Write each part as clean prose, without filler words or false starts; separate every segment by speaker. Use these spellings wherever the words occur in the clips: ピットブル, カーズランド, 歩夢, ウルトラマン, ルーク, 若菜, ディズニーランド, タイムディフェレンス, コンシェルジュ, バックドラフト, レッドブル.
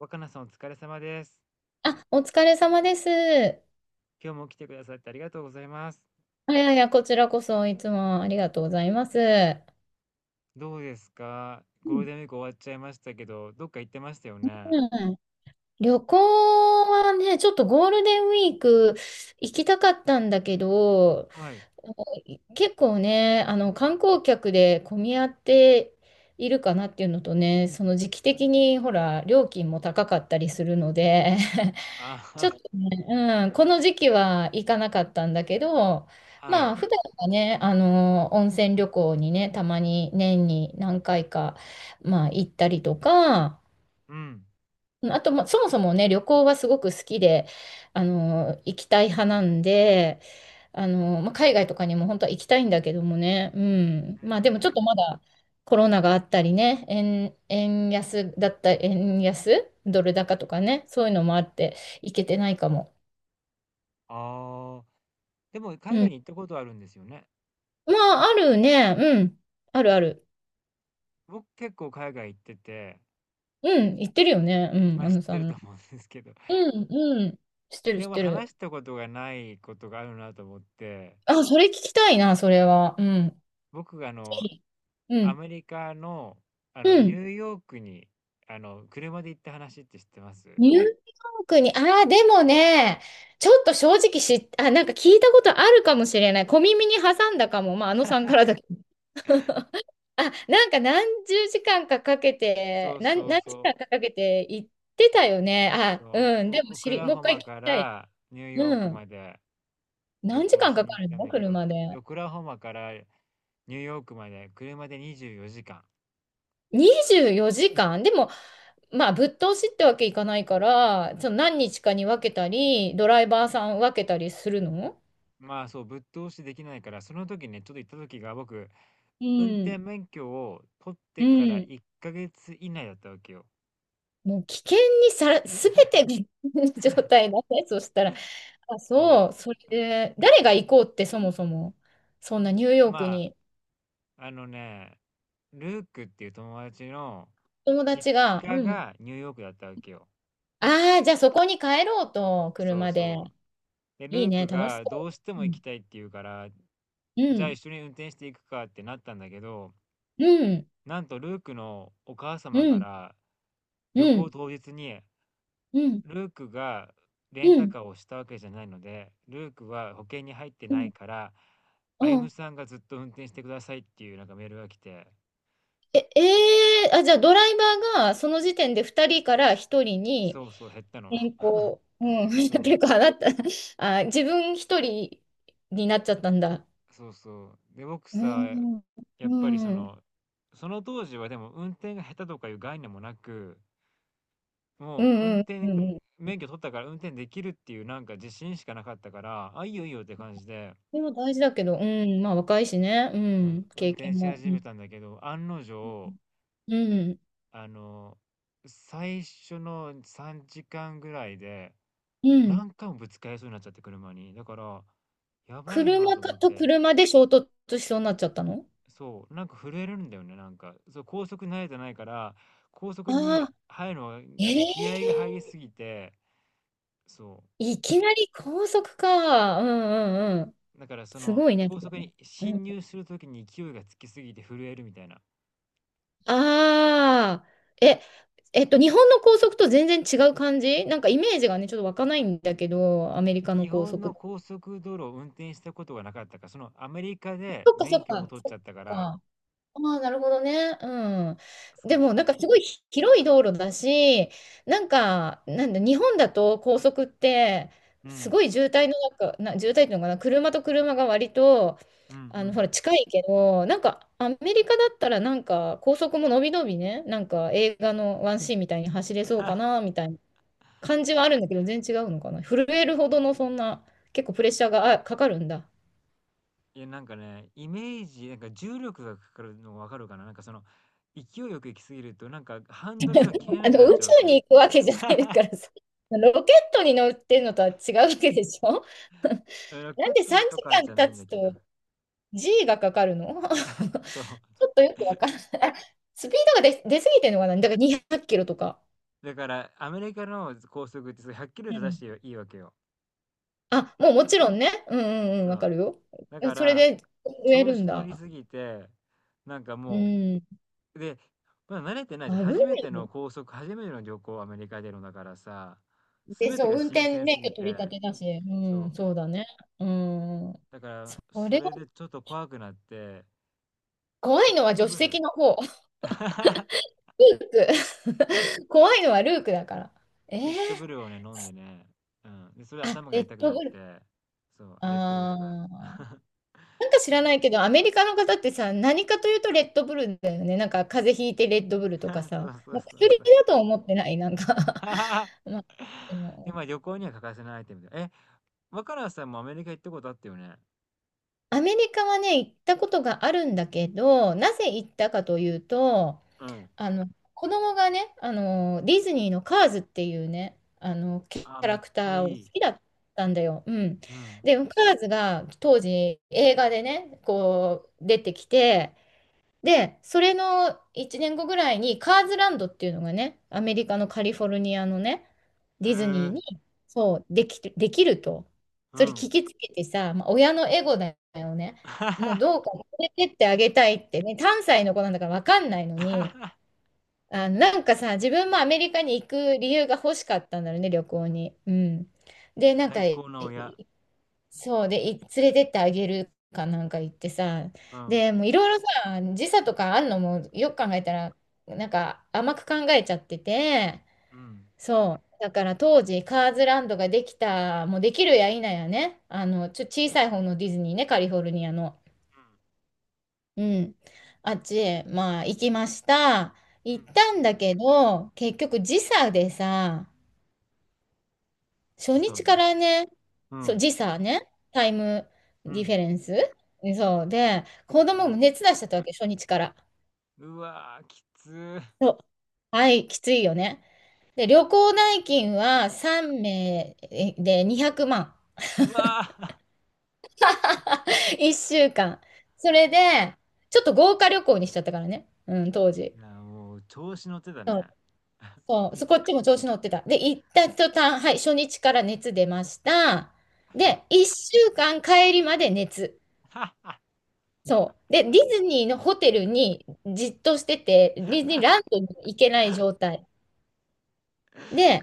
Speaker 1: 若菜さんお疲れ様です。
Speaker 2: あ、お疲れ様です。あ
Speaker 1: 今日も来てくださってありがとうございます。
Speaker 2: いやいや、こちらこそいつもありがとうございます。
Speaker 1: どうですか
Speaker 2: う
Speaker 1: ゴール
Speaker 2: ん、
Speaker 1: デンウィーク終わっちゃいましたけど、どっか行ってましたよね。
Speaker 2: うん、旅行はね、ちょっとゴールデンウィーク行きたかったんだけど、
Speaker 1: はい。
Speaker 2: 結構ね、あの観光客で混み合っているかなっていうのとね、その時期的にほら、料金も高かったりするので、
Speaker 1: あは
Speaker 2: ちょっ
Speaker 1: は、
Speaker 2: とね、うん、この時期は行かなかったんだけど、
Speaker 1: は
Speaker 2: ま
Speaker 1: い。
Speaker 2: あ、普段はね、温泉旅行にね、たまに年に何回か、まあ、行ったりとか、
Speaker 1: うん。
Speaker 2: あと、まあ、そもそもね、旅行はすごく好きで、行きたい派なんで、まあ、海外とかにも本当は行きたいんだけどもね、う
Speaker 1: うー
Speaker 2: ん。まあ、でもちょっと
Speaker 1: ん。
Speaker 2: まだコロナがあったりね、円安だった、円安、ドル高とかね、そういうのもあって、行けてないかも。
Speaker 1: ああ、でも海
Speaker 2: う
Speaker 1: 外
Speaker 2: ん。
Speaker 1: に行ったことあるんですよね。
Speaker 2: まあ、あるね。うん。あるある。
Speaker 1: 僕結構海外行ってて、
Speaker 2: うん。言ってるよね。う
Speaker 1: ま
Speaker 2: ん。
Speaker 1: あ
Speaker 2: あ
Speaker 1: 知っ
Speaker 2: のさ
Speaker 1: てると
Speaker 2: ん。
Speaker 1: 思うんですけど、
Speaker 2: うん、うん。知ってる、
Speaker 1: で
Speaker 2: 知っ
Speaker 1: も
Speaker 2: てる。
Speaker 1: 話したことがないことがあるなと思って、
Speaker 2: あ、それ聞きたいな、それは。うん。ぜ
Speaker 1: 僕が
Speaker 2: ひ。う
Speaker 1: ア
Speaker 2: ん。
Speaker 1: メリカの、
Speaker 2: う
Speaker 1: ニ
Speaker 2: ん。
Speaker 1: ューヨークに、車で行った話って知ってます？
Speaker 2: ニューヨークに、ああ、でもね、ちょっと正直、あ、なんか聞いたことあるかもしれない。小耳に挟んだかも。まあ、あのさんからだけど。あ、なんか何十時間かかけ
Speaker 1: そ
Speaker 2: て、
Speaker 1: う
Speaker 2: 何、
Speaker 1: そう
Speaker 2: 何時
Speaker 1: そ
Speaker 2: 間
Speaker 1: う、
Speaker 2: かかけて行ってたよね。あ、
Speaker 1: そ
Speaker 2: うん。
Speaker 1: う、
Speaker 2: でも
Speaker 1: オオクラ
Speaker 2: もう一
Speaker 1: ホ
Speaker 2: 回
Speaker 1: マ
Speaker 2: 聞き
Speaker 1: か
Speaker 2: たい。
Speaker 1: らニューヨー
Speaker 2: う
Speaker 1: ク
Speaker 2: ん。
Speaker 1: まで旅
Speaker 2: 何時
Speaker 1: 行
Speaker 2: 間
Speaker 1: し
Speaker 2: か
Speaker 1: に行
Speaker 2: か
Speaker 1: っ
Speaker 2: る
Speaker 1: たん
Speaker 2: の
Speaker 1: だけど、
Speaker 2: 車で？
Speaker 1: オクラホマからニューヨークまで車で24時間。
Speaker 2: 24時間でも、まあ、ぶっ通しってわけいかないから、その何日かに分けたり、ドライバーさん分けたりするの？
Speaker 1: まあそう、ぶっ通しできないから、その時ね、ちょっと行った時が僕、
Speaker 2: う
Speaker 1: 運転
Speaker 2: ん、
Speaker 1: 免許を取っ
Speaker 2: う
Speaker 1: てから
Speaker 2: ん。
Speaker 1: 1ヶ月以内だったわけよ。
Speaker 2: もう危険にさら、すべて危険な状態だね。そしたら、あ、
Speaker 1: そう。
Speaker 2: そう、それ
Speaker 1: あ
Speaker 2: で、誰が行こうってそもそも、そんなニューヨーク
Speaker 1: ま
Speaker 2: に、
Speaker 1: あ、あのね、ルークっていう友達の
Speaker 2: 友
Speaker 1: 実
Speaker 2: 達が、
Speaker 1: 家
Speaker 2: うん、
Speaker 1: がニューヨークだったわけよ。
Speaker 2: ああ、じゃあそこに帰ろうと、
Speaker 1: そう
Speaker 2: 車で。
Speaker 1: そう。で、
Speaker 2: いい
Speaker 1: ルー
Speaker 2: ね、
Speaker 1: ク
Speaker 2: 楽し
Speaker 1: がど
Speaker 2: そ
Speaker 1: うして
Speaker 2: う。
Speaker 1: も
Speaker 2: う
Speaker 1: 行き
Speaker 2: ん、
Speaker 1: たいって言うから、
Speaker 2: う
Speaker 1: じゃあ
Speaker 2: ん、
Speaker 1: 一緒に運転していくかってなったんだけど、
Speaker 2: うん、
Speaker 1: なんとルークのお母
Speaker 2: う
Speaker 1: 様か
Speaker 2: ん、
Speaker 1: ら
Speaker 2: う
Speaker 1: 旅行
Speaker 2: ん、
Speaker 1: 当日に、
Speaker 2: うん、うん、
Speaker 1: ルークがレン
Speaker 2: う
Speaker 1: タ
Speaker 2: ん、
Speaker 1: カーをしたわけじゃないので、ルークは保険に入って
Speaker 2: う
Speaker 1: ない
Speaker 2: ん、
Speaker 1: から、歩
Speaker 2: う
Speaker 1: 夢
Speaker 2: ん。
Speaker 1: さんがずっと運転してくださいっていうなんかメールが来て、
Speaker 2: え、えー、あ、じゃあドライバーがその時点で2人から1人に
Speaker 1: そうそう減ったの。
Speaker 2: 変 更、うん、
Speaker 1: そ う。
Speaker 2: 結構あなた、あ、自分1人になっちゃったんだ。
Speaker 1: そうそう。で、僕
Speaker 2: う
Speaker 1: さ、
Speaker 2: ん、
Speaker 1: や
Speaker 2: う
Speaker 1: っぱりそ
Speaker 2: ん、うん、
Speaker 1: の、その当時はでも運転が下手とかいう概念もなく、
Speaker 2: う
Speaker 1: もう運
Speaker 2: ん、うん。
Speaker 1: 転
Speaker 2: うん。
Speaker 1: 免許取ったから運転できるっていうなんか自信しかなかったから、あ、いいよいいよって感じで、
Speaker 2: でも大事だけど、うん、まあ若いしね、う
Speaker 1: うん、
Speaker 2: ん、
Speaker 1: 運
Speaker 2: 経
Speaker 1: 転
Speaker 2: 験
Speaker 1: し
Speaker 2: も。
Speaker 1: 始
Speaker 2: う
Speaker 1: め
Speaker 2: ん、
Speaker 1: たんだけど、案の定、
Speaker 2: うん、
Speaker 1: あの、最初の3時間ぐらいで
Speaker 2: うん。
Speaker 1: 何回もぶつかりそうになっちゃって車に。だから、やばいな
Speaker 2: 車
Speaker 1: と
Speaker 2: か
Speaker 1: 思っ
Speaker 2: と
Speaker 1: て。
Speaker 2: 車で衝突しそうになっちゃったの。
Speaker 1: そう、なんか震えるんだよね、なんか。そう、高速慣れてないから、高速
Speaker 2: あ
Speaker 1: に
Speaker 2: あ
Speaker 1: 入るの
Speaker 2: ー、
Speaker 1: が
Speaker 2: え
Speaker 1: 気合が入り
Speaker 2: え、
Speaker 1: すぎて、そ
Speaker 2: いきなり高速か。うん、うん、うん。
Speaker 1: う。だからそ
Speaker 2: す
Speaker 1: の
Speaker 2: ごいね。
Speaker 1: 高
Speaker 2: それ
Speaker 1: 速
Speaker 2: ね。
Speaker 1: に進入するときに勢いがつきすぎて震えるみたいな。
Speaker 2: ああ、え、日本の高速と全然違う感じなんかイメージがね、ちょっと湧かないんだけど、アメリカの
Speaker 1: 日
Speaker 2: 高
Speaker 1: 本の
Speaker 2: 速。
Speaker 1: 高速道路を運転したことがなかったから、そのアメリカで
Speaker 2: そっかそ
Speaker 1: 免
Speaker 2: っ
Speaker 1: 許も
Speaker 2: か、
Speaker 1: 取っ
Speaker 2: そ
Speaker 1: ちゃったか
Speaker 2: っか。
Speaker 1: ら、
Speaker 2: ああ、なるほどね。うん。
Speaker 1: そ
Speaker 2: で
Speaker 1: う
Speaker 2: も、
Speaker 1: そう。
Speaker 2: なんかすごい広い道路だし、なんか、なんだ、日本だと高速って、
Speaker 1: う
Speaker 2: す
Speaker 1: ん、
Speaker 2: ごい渋滞の中、渋滞っていうのかな、車と車が割と、
Speaker 1: うん、う
Speaker 2: ほ
Speaker 1: ん。
Speaker 2: ら、近いけど、なんか、アメリカだったら、なんか、高速ものびのびね、なんか、映画のワンシーンみたいに走れそうかな、みたいな感じはあるんだけど、全然違うのかな。震えるほどの、そんな、結構プレッシャーがかかるんだ。
Speaker 1: いや、なんかね、イメージ、なんか重力がかかるのわかるかななんかその、勢いよく行きすぎると、なんかハンドルが切れなくなっ
Speaker 2: 宇
Speaker 1: ちゃうわけ
Speaker 2: 宙
Speaker 1: よ。
Speaker 2: に行くわけじゃないからさ、ロケットに乗ってるのとは違うわけでしょ？
Speaker 1: ロ
Speaker 2: な
Speaker 1: ケ
Speaker 2: ん
Speaker 1: ッ
Speaker 2: で
Speaker 1: ト
Speaker 2: 3
Speaker 1: とか
Speaker 2: 時
Speaker 1: じ
Speaker 2: 間
Speaker 1: ゃない
Speaker 2: 経
Speaker 1: ん
Speaker 2: つ
Speaker 1: だけど。
Speaker 2: と G がかかるの？
Speaker 1: そう。
Speaker 2: ちょっとよくわからない。スピードが出すぎてるのかな。だから200キロとか。
Speaker 1: だから、アメリカの高速ってそれ100キロ以
Speaker 2: う
Speaker 1: 上出し
Speaker 2: ん。
Speaker 1: ていいいいわけよ。
Speaker 2: あ、もうもちろんね。うん、うん、うん、
Speaker 1: そ
Speaker 2: わか
Speaker 1: う。
Speaker 2: るよ。
Speaker 1: だか
Speaker 2: それ
Speaker 1: ら、
Speaker 2: で植え
Speaker 1: 調
Speaker 2: る
Speaker 1: 子
Speaker 2: ん
Speaker 1: 乗り
Speaker 2: だ。
Speaker 1: すぎて、なんか
Speaker 2: う
Speaker 1: も
Speaker 2: ん。危
Speaker 1: う、で、まだ慣れてない
Speaker 2: な
Speaker 1: じゃん。初めて
Speaker 2: い
Speaker 1: の
Speaker 2: よ。
Speaker 1: 高速、初めての旅行、アメリカでのだからさ、す
Speaker 2: で、
Speaker 1: べて
Speaker 2: そう、
Speaker 1: が
Speaker 2: 運
Speaker 1: 新
Speaker 2: 転
Speaker 1: 鮮
Speaker 2: 免
Speaker 1: す
Speaker 2: 許
Speaker 1: ぎ
Speaker 2: 取り
Speaker 1: て、
Speaker 2: 立てだし。
Speaker 1: そ
Speaker 2: うん、
Speaker 1: う。
Speaker 2: そうだね。うん。
Speaker 1: だから、
Speaker 2: そ
Speaker 1: そ
Speaker 2: れは
Speaker 1: れでちょっと怖くなって、
Speaker 2: 怖
Speaker 1: ピッ
Speaker 2: いのは
Speaker 1: ト
Speaker 2: 助手
Speaker 1: ブル。
Speaker 2: 席の方。ピーク。怖いのはルークだから。えー、
Speaker 1: フィットブルをね、飲んでね、うん。で、それで
Speaker 2: あ、
Speaker 1: 頭が
Speaker 2: レッ
Speaker 1: 痛く
Speaker 2: ド
Speaker 1: なっ
Speaker 2: ブル。
Speaker 1: て、そう、レッドブル
Speaker 2: あ
Speaker 1: が。
Speaker 2: ー。なんか知らないけど、アメリカの方ってさ、何かというとレッドブルだよね。なんか風邪ひいてレッドブルと
Speaker 1: そ
Speaker 2: か
Speaker 1: う
Speaker 2: さ、
Speaker 1: そ
Speaker 2: ま
Speaker 1: う
Speaker 2: あ
Speaker 1: そ
Speaker 2: 薬
Speaker 1: うそう。
Speaker 2: だと思ってない、なんか まあ、で
Speaker 1: で、
Speaker 2: も
Speaker 1: まあ旅行には欠かせないアイテムで。え、若菜さんもアメリカ行ったことあったよね。
Speaker 2: アメリカはね、行ったことがあるんだけど、なぜ行ったかというと、
Speaker 1: うん。
Speaker 2: あの、子供がね、ディズニーのカーズっていうね、キ
Speaker 1: あ、
Speaker 2: ャ
Speaker 1: め
Speaker 2: ラ
Speaker 1: っ
Speaker 2: ク
Speaker 1: ちゃ
Speaker 2: ターを
Speaker 1: い
Speaker 2: 好
Speaker 1: い。
Speaker 2: きだったんだよ。うん。
Speaker 1: うん。
Speaker 2: で、カーズが当時映画でね、こう出てきて、で、それの1年後ぐらいにカーズランドっていうのがね、アメリカのカリフォルニアのね、
Speaker 1: へ
Speaker 2: ディズニー
Speaker 1: え、
Speaker 2: に、そう、できると。
Speaker 1: う
Speaker 2: それ
Speaker 1: ん。
Speaker 2: 聞きつけてさ、まあ、親のエゴだよね。もう どうか連れてってあげたいってね、3歳の子なんだから分かんないのに、あ、なんかさ、自分もアメリカに行く理由が欲しかったんだろうね、旅行に。うん。で、なんか、
Speaker 1: 最
Speaker 2: い
Speaker 1: 高の親。
Speaker 2: そうで、い連れてってあげるかなんか行ってさ、
Speaker 1: うん。
Speaker 2: で、もういろいろさ、時差とかあんのもよく考えたら、なんか甘く考えちゃってて、
Speaker 1: うん。う
Speaker 2: そう。だから当時、カーズランドができた、もうできるや否やね、小さい方のディズニーね、カリフォルニアの。
Speaker 1: ん。
Speaker 2: うん。あっちへ、まあ、行きました。
Speaker 1: う
Speaker 2: 行っ
Speaker 1: ん。
Speaker 2: たんだけど、結局時差でさ、初
Speaker 1: 時差
Speaker 2: 日
Speaker 1: で。
Speaker 2: からね、
Speaker 1: う
Speaker 2: そう、
Speaker 1: ん。
Speaker 2: 時差ね、タイム
Speaker 1: う
Speaker 2: ディフ
Speaker 1: ん。
Speaker 2: ェレンス。そう。で、子
Speaker 1: う
Speaker 2: 供も
Speaker 1: ん。
Speaker 2: 熱出しちゃったわけ、初日から。
Speaker 1: うわー、きつー。
Speaker 2: そう。はい、きついよね。で、旅行代金は3名で200万。
Speaker 1: うわー。
Speaker 2: 1週間。それで、ちょっと豪華旅行にしちゃったからね。うん、当時。
Speaker 1: いや、もう調子乗ってたね。
Speaker 2: そう、そこっちも調子乗ってた。で、行った途端、はい、初日から熱出ました。で、1週間帰りまで熱。そう。で、ディズニーのホテルにじっとしてて、ディズニーランドに行けない状態。で、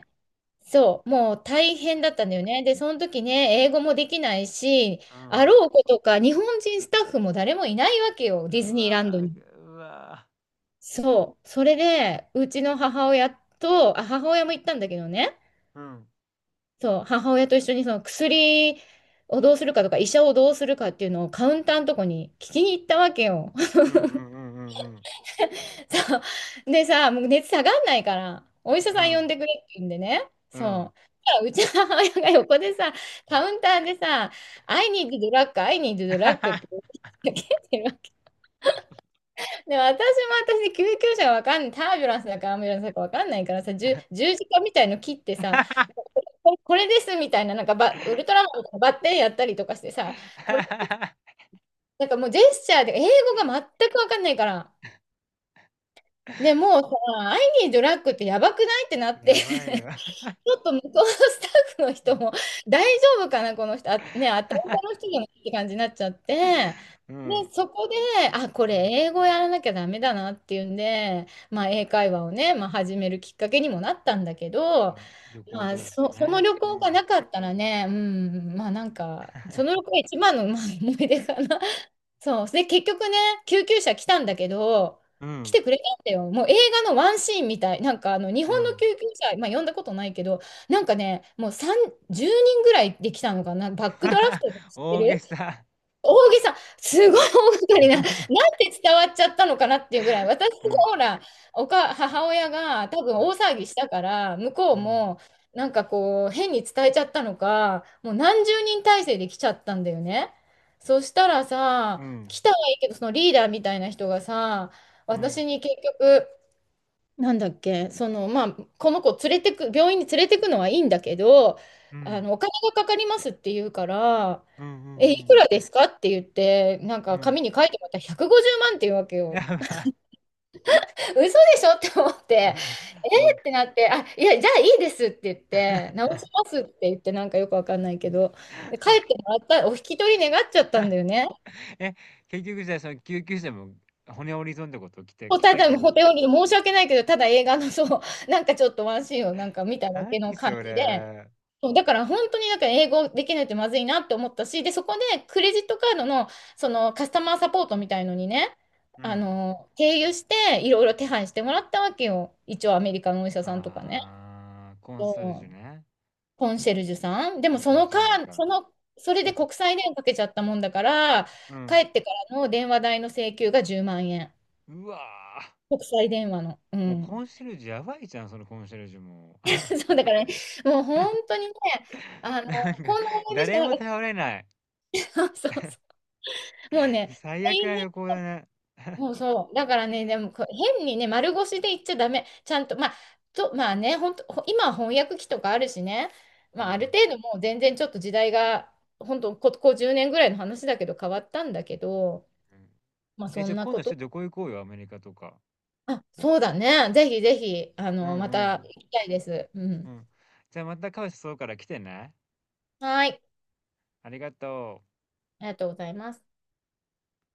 Speaker 2: そう、もう大変だったんだよね。で、その時ね、英語もできないし、
Speaker 1: う
Speaker 2: あ
Speaker 1: ん。
Speaker 2: ろうことか、日本人スタッフも誰もいないわけよ、ディズ
Speaker 1: う
Speaker 2: ニーランド
Speaker 1: わ
Speaker 2: に。
Speaker 1: ー、うわ
Speaker 2: そう。それで、うちの母親と、あ、母親も行ったんだけどね、
Speaker 1: ー。うん。
Speaker 2: そう、母親と一緒にその薬をどうするかとか、医者をどうするかっていうのをカウンターのとこに聞きに行ったわけよ。
Speaker 1: うんうんうんうんうん
Speaker 2: そう。でさ、もう熱下がんないから、お医者
Speaker 1: う
Speaker 2: さん呼
Speaker 1: ん。
Speaker 2: んでくれって言うんでね。
Speaker 1: うん。
Speaker 2: そう。うちの母親が横でさ、カウンターでさ、I need drug, I need drug って 言ってるわ。で、私も救急車がわかんない、タービュランスだかアンビュランスだかわかんないからさ、十字架みたいの切ってさ、これこれですみたいな、なんかウルトラマンとかバッテンやったりとかしてさ、これ、なんかもうジェスチャーで英語が全くわかんないから、ね、もうさ、I need drug ってやばくないってなって。
Speaker 1: やばいよ。
Speaker 2: ちょっと向こうのスタッフの人も 大丈夫かな、この人、あ、ね、あたたの 人じゃないって感じになっちゃって、
Speaker 1: う
Speaker 2: で、
Speaker 1: ん。
Speaker 2: そこで、あ、こ
Speaker 1: う
Speaker 2: れ
Speaker 1: ん。
Speaker 2: 英語やらなきゃダメだなっていうんで、まあ、英会話をね、まあ、始めるきっかけにもなったんだけど、
Speaker 1: あ、横を
Speaker 2: ま
Speaker 1: 通
Speaker 2: あ、
Speaker 1: して
Speaker 2: その
Speaker 1: ね。
Speaker 2: 旅
Speaker 1: う
Speaker 2: 行が
Speaker 1: ん。
Speaker 2: なかったらね、うん、まあなんか、その旅行が一番の、まあ、思い出かな。そう。で、結局ね、救急車来たんだけど、
Speaker 1: う
Speaker 2: 来
Speaker 1: ん。
Speaker 2: てくれたんだよ。もう映画のワンシーンみたい。なんかあの、日
Speaker 1: う
Speaker 2: 本の
Speaker 1: ん。
Speaker 2: 救急車、まあ呼んだことないけど、なんかね、もう3、10人ぐらいで来たのかな。バックドラフト知っ て
Speaker 1: 大げ
Speaker 2: る？
Speaker 1: さ。
Speaker 2: 大げさ、すごい大掛かりな、なんて 伝わっちゃったのかなっていうぐらい、私も
Speaker 1: うん。
Speaker 2: ほら、母親が多分
Speaker 1: うん。
Speaker 2: 大騒ぎしたから、向こう
Speaker 1: うん。
Speaker 2: もなんかこう、変に伝えちゃったのか、もう何十人体制で来ちゃったんだよね。そしたら
Speaker 1: う
Speaker 2: さ、
Speaker 1: ん。
Speaker 2: 来たはいいけど、そのリーダーみたいな人がさ、
Speaker 1: うん。
Speaker 2: 私に結局、なんだっけ、その、まあ、この子連れてく、病院に連れてくのはいいんだけど、
Speaker 1: う
Speaker 2: あ
Speaker 1: ん。
Speaker 2: の、お金がかかりますって言うから、
Speaker 1: うん。うん。う
Speaker 2: え、いく
Speaker 1: ん。
Speaker 2: らですかって言って、なん
Speaker 1: う
Speaker 2: か
Speaker 1: ん
Speaker 2: 紙に書いてもらったら150万って言うわけ よ。
Speaker 1: やばい。
Speaker 2: 嘘でしょって思って、え
Speaker 1: うん。
Speaker 2: ーってなって、あ、いや、じゃあいいですって言って、直 しますって言って、なんかよくわかんないけど、で帰ってもらった、お引き取り願っちゃったんだよね。
Speaker 1: え、結局じゃあ、その救急車も骨折り損ってこと来て、
Speaker 2: もう
Speaker 1: 来
Speaker 2: た
Speaker 1: た
Speaker 2: だ、
Speaker 1: けど。
Speaker 2: ホテルに申し訳ないけど、ただ映画のそう、なんかちょっとワンシーンをなんか見ただけの
Speaker 1: 何
Speaker 2: 感
Speaker 1: そ
Speaker 2: じで、
Speaker 1: れ。
Speaker 2: そう、だから本当にだから英語できないとまずいなって思ったし、で、そこでクレジットカードのそのカスタマーサポートみたいのにね、
Speaker 1: う
Speaker 2: あ
Speaker 1: ん。
Speaker 2: の、経由していろいろ手配してもらったわけよ。一応アメリカのお医者さんとかね。
Speaker 1: あー、コンサルジュ
Speaker 2: そう
Speaker 1: ね。
Speaker 2: コンシェルジュさん。で
Speaker 1: あ、
Speaker 2: もそ
Speaker 1: コン
Speaker 2: の
Speaker 1: シ
Speaker 2: か、
Speaker 1: ェルジュか。
Speaker 2: その、それで 国際電話かけちゃったもんだから、
Speaker 1: う
Speaker 2: 帰
Speaker 1: ん。
Speaker 2: ってからの電話代の請求が10万円。
Speaker 1: うわー。
Speaker 2: 国際電話の。う
Speaker 1: もう
Speaker 2: ん。
Speaker 1: コンシェルジュやばいじゃん、そのコンシェルジュも。
Speaker 2: そうだからね、もう本当にね、あ の、
Speaker 1: なんか、
Speaker 2: こんな思い出しか
Speaker 1: 誰
Speaker 2: な
Speaker 1: も
Speaker 2: かっ
Speaker 1: 頼れない。
Speaker 2: た。そうそう。もう ね、
Speaker 1: 最悪な旅行だね。
Speaker 2: そうそう。だからね、でもこう変にね、丸腰で言っちゃダメ。ちゃんと、まあ、まあね、本当、今は翻訳機とかあるしね、
Speaker 1: う
Speaker 2: まあ、ある
Speaker 1: ん。
Speaker 2: 程度もう全然ちょっと時代が、本当、ここ10年ぐらいの話だけど変わったんだけど、
Speaker 1: うん
Speaker 2: まあ、
Speaker 1: え、
Speaker 2: そ
Speaker 1: じゃあ
Speaker 2: んな
Speaker 1: 今
Speaker 2: こ
Speaker 1: 度ち
Speaker 2: と。
Speaker 1: ょっと旅行行こうよ、アメリカとか。
Speaker 2: あ、そうだね。ぜひぜひ、あ
Speaker 1: う
Speaker 2: の、ま
Speaker 1: んう
Speaker 2: た行
Speaker 1: ん。
Speaker 2: きたいです。う
Speaker 1: う
Speaker 2: ん。
Speaker 1: ん。じゃあまたカオスそうから来てね。
Speaker 2: はい。
Speaker 1: ありがとう。
Speaker 2: ありがとうございます。